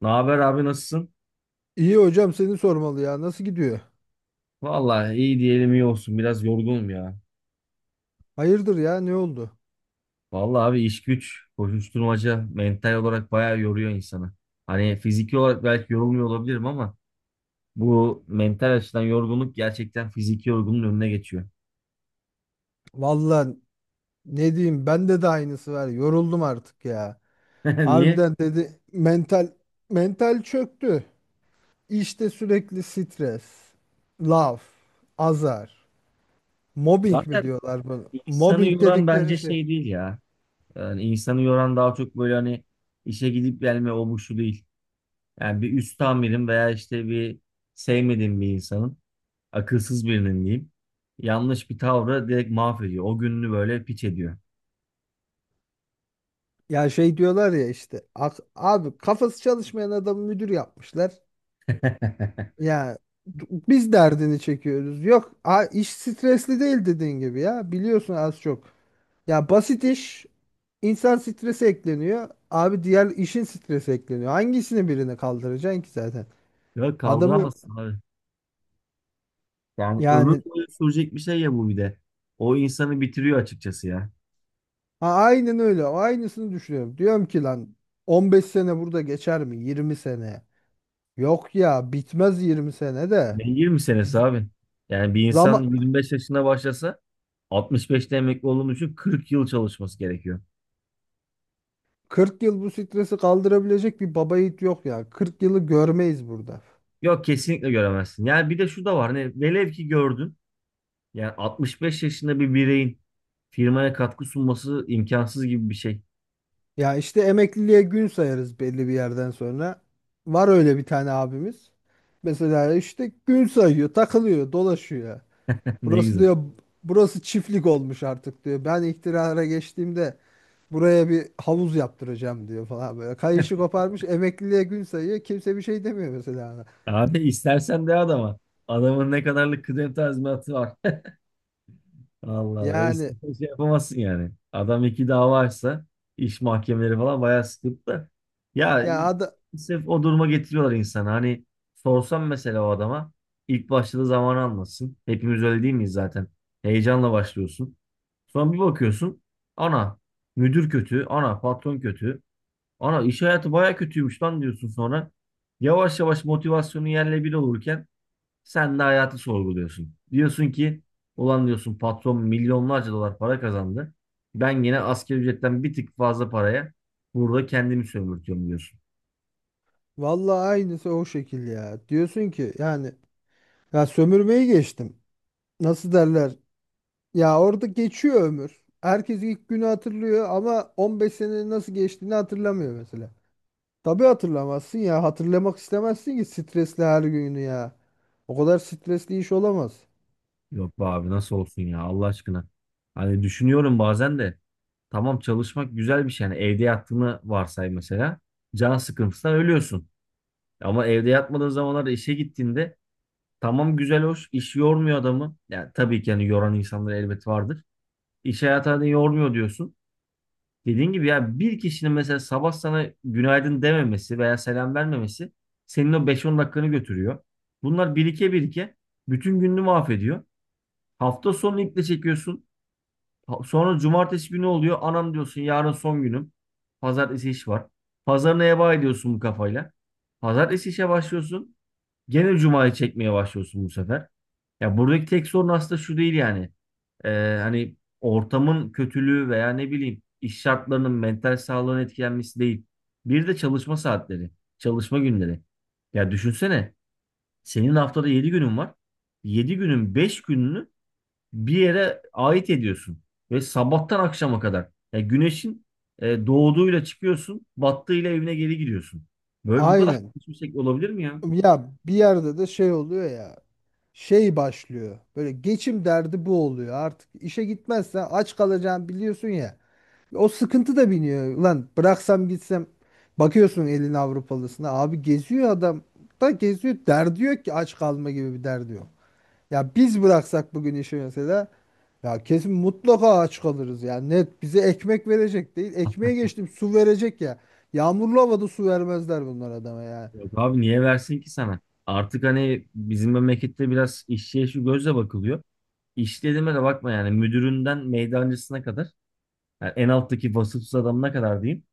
Ne haber abi nasılsın? İyi hocam, seni sormalı ya. Nasıl gidiyor? Vallahi iyi diyelim iyi olsun. Biraz yorgunum ya. Hayırdır ya, ne oldu? Vallahi abi iş güç, koşuşturmaca mental olarak bayağı yoruyor insanı. Hani fiziki olarak belki yorulmuyor olabilirim ama bu mental açıdan yorgunluk gerçekten fiziki yorgunluğun önüne geçiyor. Vallahi ne diyeyim, bende de aynısı var. Yoruldum artık ya. Niye? Harbiden dedi, mental çöktü. İşte sürekli stres, laf, azar, mobbing mi Zaten diyorlar bunu? insanı Mobbing yoran dedikleri bence şey. şey değil ya. Yani insanı yoran daha çok böyle hani işe gidip gelme o bu şu değil. Yani bir üst amirim veya işte bir sevmediğim bir insanın akılsız birinin diyeyim. Yanlış bir tavrı direkt mahvediyor. O gününü böyle piç ediyor. Ya şey diyorlar ya işte, abi kafası çalışmayan adamı müdür yapmışlar. Ya, biz derdini çekiyoruz. Yok, iş stresli değil dediğin gibi ya. Biliyorsun az çok. Ya basit iş, insan stresi ekleniyor. Abi diğer işin stresi ekleniyor. Hangisini birine kaldıracaksın ki zaten? Ya Adamı kaldıramazsın abi. Yani ömür yani boyu sürecek bir şey ya bu bir de. O insanı bitiriyor açıkçası ya. ha, aynen öyle. O aynısını düşünüyorum. Diyorum ki lan, 15 sene burada geçer mi? 20 sene. Yok ya, bitmez 20 sene de. Ne 20 senesi abi. Yani bir insan Zaman... 25 yaşında başlasa 65'te emekli olduğunu için 40 yıl çalışması gerekiyor. 40 yıl bu stresi kaldırabilecek bir baba yiğit yok ya. 40 yılı görmeyiz burada. Yok kesinlikle göremezsin. Yani bir de şu da var. Hani velev ki gördün. Yani 65 yaşında bir bireyin firmaya katkı sunması imkansız gibi bir şey. Ya işte emekliliğe gün sayarız belli bir yerden sonra. Var öyle bir tane abimiz. Mesela işte gün sayıyor, takılıyor, dolaşıyor. Ne Burası güzel. diyor, burası çiftlik olmuş artık diyor. Ben iktidara geçtiğimde buraya bir havuz yaptıracağım diyor falan böyle. Kayışı koparmış, emekliliğe gün sayıyor. Kimse bir şey demiyor mesela ona. Abi istersen de adama. Adamın ne kadarlık kıdem tazminatı var. Allah be. Yani İstersen şey yapamazsın yani. Adam iki dava açsa iş mahkemeleri falan bayağı sıkıntı da. Ya ya sırf o duruma getiriyorlar insanı. Hani sorsam mesela o adama ilk başladığı zamanı anlatsın. Hepimiz öyle değil miyiz zaten? Heyecanla başlıyorsun. Sonra bir bakıyorsun. Ana müdür kötü. Ana patron kötü. Ana iş hayatı baya kötüymüş lan diyorsun sonra. Yavaş yavaş motivasyonu yerle bir olurken sen de hayatı sorguluyorsun. Diyorsun ki ulan diyorsun patron milyonlarca dolar para kazandı. Ben yine asgari ücretten bir tık fazla paraya burada kendimi sömürtüyorum diyorsun. vallahi aynısı o şekil ya. Diyorsun ki yani, ya sömürmeyi geçtim. Nasıl derler? Ya orada geçiyor ömür. Herkes ilk günü hatırlıyor ama 15 senenin nasıl geçtiğini hatırlamıyor mesela. Tabii hatırlamazsın ya. Hatırlamak istemezsin ki stresli her günü ya. O kadar stresli iş olamaz. Yok be abi nasıl olsun ya Allah aşkına. Hani düşünüyorum bazen de tamam çalışmak güzel bir şey. Yani evde yattığını varsay mesela. Can sıkıntısından ölüyorsun. Ama evde yatmadığın zamanlarda işe gittiğinde tamam güzel hoş iş yormuyor adamı. Yani tabii ki hani yoran insanlar elbet vardır. İş hayatı hani yormuyor diyorsun. Dediğin gibi ya bir kişinin mesela sabah sana günaydın dememesi veya selam vermemesi senin o beş on dakikanı götürüyor. Bunlar birike birike bütün gününü mahvediyor. Hafta sonu iple çekiyorsun. Sonra cumartesi günü oluyor. Anam diyorsun yarın son günüm. Pazartesi iş var. Pazarına heba ediyorsun bu kafayla. Pazartesi işe başlıyorsun. Gene Cuma'yı çekmeye başlıyorsun bu sefer. Ya buradaki tek sorun aslında şu değil yani. Ee, hani ortamın kötülüğü veya ne bileyim iş şartlarının mental sağlığın etkilenmesi değil. Bir de çalışma saatleri, çalışma günleri. Ya düşünsene senin haftada 7 günün var. 7 günün 5 gününü bir yere ait ediyorsun. Ve sabahtan akşama kadar. Ya güneşin doğduğuyla çıkıyorsun, battığıyla evine geri gidiyorsun. Böyle bu kadar Aynen. saçma şey olabilir mi ya? Ya bir yerde de şey oluyor ya. Şey başlıyor. Böyle geçim derdi bu oluyor. Artık işe gitmezsen aç kalacağını biliyorsun ya. O sıkıntı da biniyor. Ulan bıraksam gitsem, bakıyorsun elin Avrupalısına. Abi geziyor, adam da geziyor. Derdi yok ki, aç kalma gibi bir derdi yok. Ya biz bıraksak bugün işi mesela, ya kesin mutlaka aç kalırız. Yani net bize ekmek verecek değil. Ekmeğe geçtim, su verecek ya. Yağmurlu havada su vermezler bunlar adama ya. Yok abi niye versin ki sana? Artık hani bizim memlekette biraz işçiye şu gözle bakılıyor. İş dediğime de bakma yani müdüründen meydancısına kadar yani en alttaki vasıfsız adamına kadar diyeyim.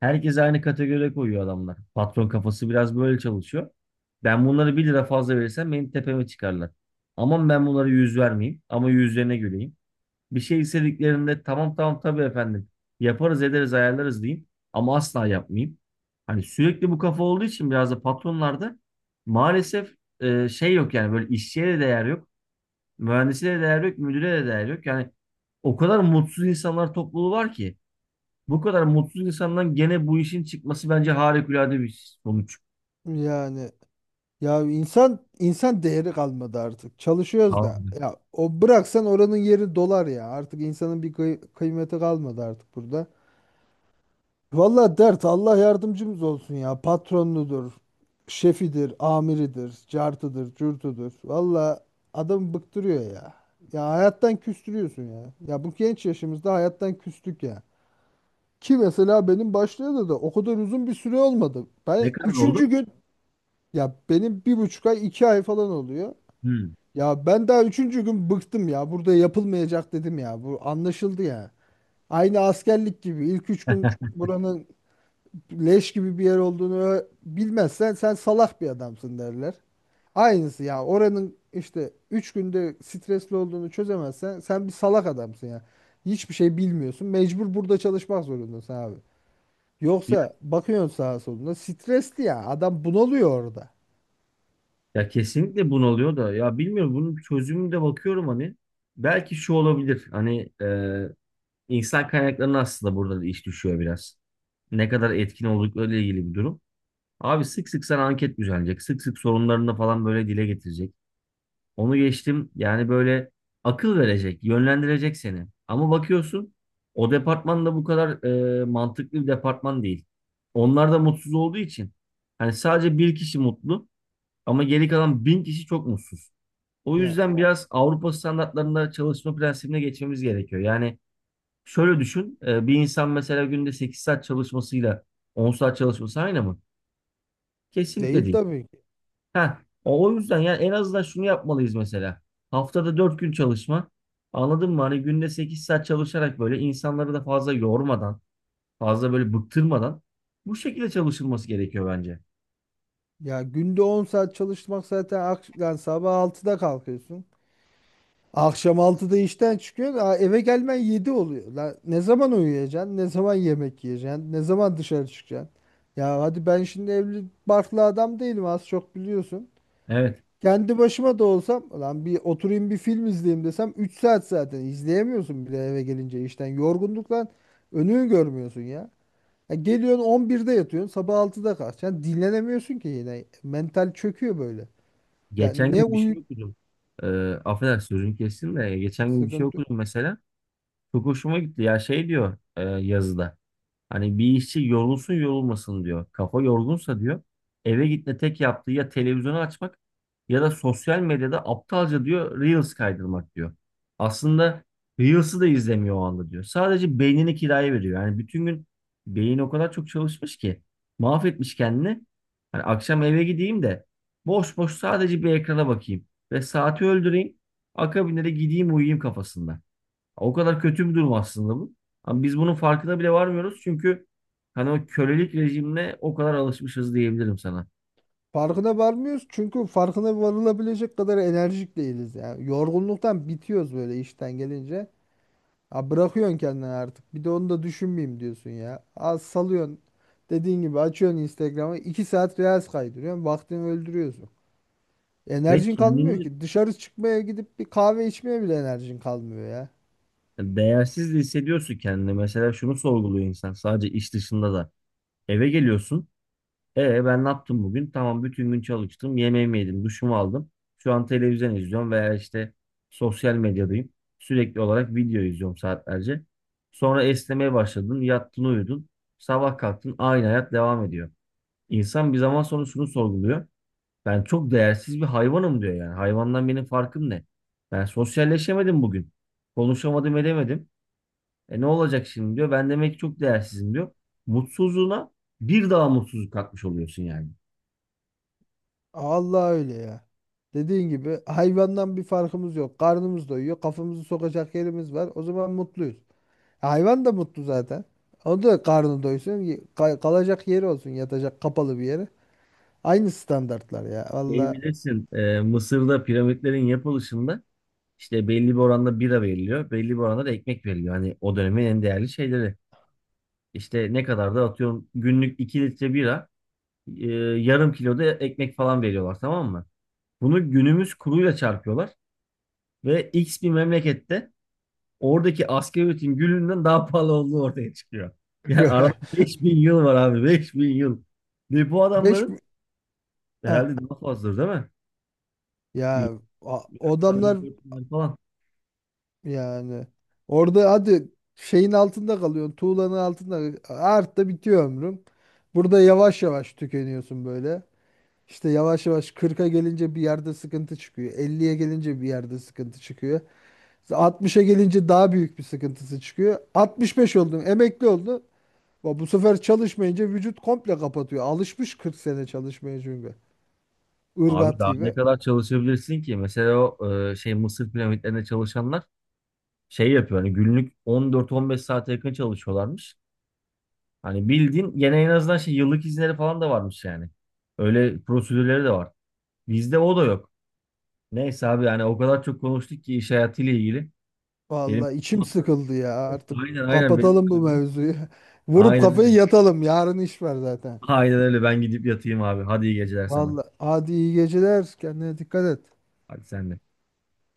Herkes aynı kategoriye koyuyor adamlar. Patron kafası biraz böyle çalışıyor. Ben bunları bir lira fazla verirsem benim tepeme çıkarlar. Aman ben bunlara yüz vermeyeyim ama yüzlerine güleyim. Bir şey istediklerinde tamam tamam tabii efendim yaparız ederiz ayarlarız diyeyim ama asla yapmayayım. Hani sürekli bu kafa olduğu için biraz da patronlarda maalesef şey yok yani böyle işçiye de değer yok, mühendise de değer yok, müdüre de değer yok. Yani o kadar mutsuz insanlar topluluğu var ki bu kadar mutsuz insandan gene bu işin çıkması bence harikulade bir sonuç. Yani ya insan değeri kalmadı artık. Çalışıyoruz da. Tamam. Ya o bıraksan oranın yeri dolar ya. Artık insanın bir kıymeti kalmadı artık burada. Valla dert, Allah yardımcımız olsun ya. Patronudur, şefidir, amiridir, cartıdır, cürtüdür. Valla adam bıktırıyor ya. Ya hayattan küstürüyorsun ya. Ya bu genç yaşımızda hayattan küstük ya. Ki mesela benim başlayalı da o kadar uzun bir süre olmadı. Ne Ben kadar oldu? üçüncü gün ya benim 1,5 ay 2 ay falan oluyor. Hmm. Ya ben daha üçüncü gün bıktım ya. Burada yapılmayacak dedim ya. Bu anlaşıldı ya. Aynı askerlik gibi, ilk 3 gün buranın leş gibi bir yer olduğunu bilmezsen sen salak bir adamsın derler. Aynısı ya, oranın işte 3 günde stresli olduğunu çözemezsen sen bir salak adamsın ya. Hiçbir şey bilmiyorsun. Mecbur burada çalışmak zorundasın abi. Yoksa bakıyorsun sağa soluna stresli ya. Adam bunalıyor orada. Ya kesinlikle bunalıyor da ya bilmiyorum bunun çözümünde bakıyorum hani belki şu olabilir hani insan kaynaklarına aslında burada da iş düşüyor biraz. Ne kadar etkin olduklarıyla ilgili bir durum. Abi sık sık sana anket düzenleyecek. Sık sık sorunlarını falan böyle dile getirecek. Onu geçtim yani böyle akıl verecek, yönlendirecek seni. Ama bakıyorsun o departman da bu kadar mantıklı bir departman değil. Onlar da mutsuz olduğu için hani sadece bir kişi mutlu ama geri kalan 1.000 kişi çok mutsuz. O Ya yüzden biraz Avrupa standartlarında çalışma prensibine geçmemiz gerekiyor. Yani şöyle düşün, bir insan mesela günde 8 saat çalışmasıyla 10 saat çalışması aynı mı? Kesinlikle değil değil. tabii ki. Ha, o yüzden yani en azından şunu yapmalıyız mesela. Haftada 4 gün çalışma. Anladın mı? Hani günde 8 saat çalışarak böyle insanları da fazla yormadan, fazla böyle bıktırmadan bu şekilde çalışılması gerekiyor bence. Ya günde 10 saat çalışmak zaten yani sabah altıda kalkıyorsun. Akşam altıda işten çıkıyorsun. Aa, eve gelmen 7 oluyor. La, ne zaman uyuyacaksın? Ne zaman yemek yiyeceksin? Ne zaman dışarı çıkacaksın? Ya hadi, ben şimdi evli barklı adam değilim, az çok biliyorsun. Evet. Kendi başıma da olsam, lan bir oturayım bir film izleyeyim desem, 3 saat zaten izleyemiyorsun bile eve gelince işten. Yorgunluktan önünü görmüyorsun ya. Ya geliyorsun 11'de yatıyorsun, sabah altıda kalkacaksın. Dinlenemiyorsun ki yine. Mental çöküyor böyle. Ya Geçen ne gün bir uyu şey okudum. E, affedersin sözünü kestim de geçen gün bir şey sıkıntı okudum mesela. Çok hoşuma gitti ya şey diyor yazıda. Hani bir işçi yorulsun yorulmasın diyor. Kafa yorgunsa diyor eve gitme tek yaptığı ya televizyonu açmak ya da sosyal medyada aptalca diyor Reels kaydırmak diyor. Aslında Reels'ı da izlemiyor o anda diyor. Sadece beynini kiraya veriyor. Yani bütün gün beyin o kadar çok çalışmış ki mahvetmiş kendini. Hani akşam eve gideyim de boş boş sadece bir ekrana bakayım ve saati öldüreyim. Akabinde de gideyim uyuyayım kafasında. O kadar kötü bir durum aslında bu. Ama biz bunun farkına bile varmıyoruz çünkü hani o kölelik rejimine o kadar alışmışız diyebilirim sana. Farkına varmıyoruz çünkü farkına varılabilecek kadar enerjik değiliz yani. Yorgunluktan bitiyoruz böyle işten gelince. Ya bırakıyorsun kendini artık. Bir de onu da düşünmeyeyim diyorsun ya. Az salıyorsun. Dediğin gibi açıyorsun Instagram'ı. 2 saat Reels kaydırıyorsun. Vaktini öldürüyorsun. Ve Enerjin kalmıyor kendini ki. Dışarı çıkmaya gidip bir kahve içmeye bile enerjin kalmıyor ya. değersiz de hissediyorsun kendini. Mesela şunu sorguluyor insan sadece iş dışında da. Eve geliyorsun. E ben ne yaptım bugün? Tamam bütün gün çalıştım. Yemeğimi yedim, duşumu aldım. Şu an televizyon izliyorum veya işte sosyal medyadayım. Sürekli olarak video izliyorum saatlerce. Sonra esnemeye başladın, yattın, uyudun. Sabah kalktın, aynı hayat devam ediyor. İnsan bir zaman sonra şunu sorguluyor. Ben çok değersiz bir hayvanım diyor yani. Hayvandan benim farkım ne? Ben sosyalleşemedim bugün. Konuşamadım edemedim. E ne olacak şimdi diyor. Ben demek ki çok değersizim diyor. Mutsuzluğuna bir daha mutsuzluk katmış oluyorsun yani. Allah öyle ya. Dediğin gibi hayvandan bir farkımız yok. Karnımız doyuyor. Kafamızı sokacak yerimiz var. O zaman mutluyuz. Hayvan da mutlu zaten. O da karnı doysun. Kalacak yeri olsun. Yatacak kapalı bir yere. Aynı standartlar ya. Şey Valla. bilirsin Mısır'da piramitlerin yapılışında işte belli bir oranda bira veriliyor. Belli bir oranda da ekmek veriliyor. Hani o dönemin en değerli şeyleri. İşte ne kadar da atıyorum günlük 2 litre bira e, yarım kilo da ekmek falan veriyorlar tamam mı? Bunu günümüz kuruyla çarpıyorlar ve X bir memlekette oradaki asgari ücretin gülünden daha pahalı olduğu ortaya çıkıyor. Yani arada 5.000 yıl var abi 5.000 yıl. Ve bu 5, adamların herhalde daha fazladır değil mi? Adamlar 1400 falan. yani, orada hadi şeyin altında kalıyorsun. Tuğlanın altında artta bitiyor ömrüm. Burada yavaş yavaş tükeniyorsun böyle. İşte yavaş yavaş kırka gelince bir yerde sıkıntı çıkıyor. Elliye gelince bir yerde sıkıntı çıkıyor. 60'a gelince daha büyük bir sıkıntısı çıkıyor. 65 oldun, emekli oldu. Bu sefer çalışmayınca vücut komple kapatıyor. Alışmış 40 sene çalışmaya çünkü. Abi Irgat daha ne gibi. kadar çalışabilirsin ki? Mesela o Mısır piramitlerinde çalışanlar şey yapıyor hani günlük 14-15 saate yakın çalışıyorlarmış. Hani bildiğin gene en azından şey yıllık izinleri falan da varmış yani. Öyle prosedürleri de var. Bizde o da yok. Neyse abi yani o kadar çok konuştuk ki iş hayatıyla ilgili. Benim Vallahi içim sıkıldı ya. Artık aynen aynen benim kapatalım bu mevzuyu. Vurup Aynen kafayı öyle. yatalım. Yarın iş var zaten. Aynen öyle ben gidip yatayım abi. Hadi iyi geceler sana. Vallahi hadi, iyi geceler. Kendine dikkat et. Hadi sen de.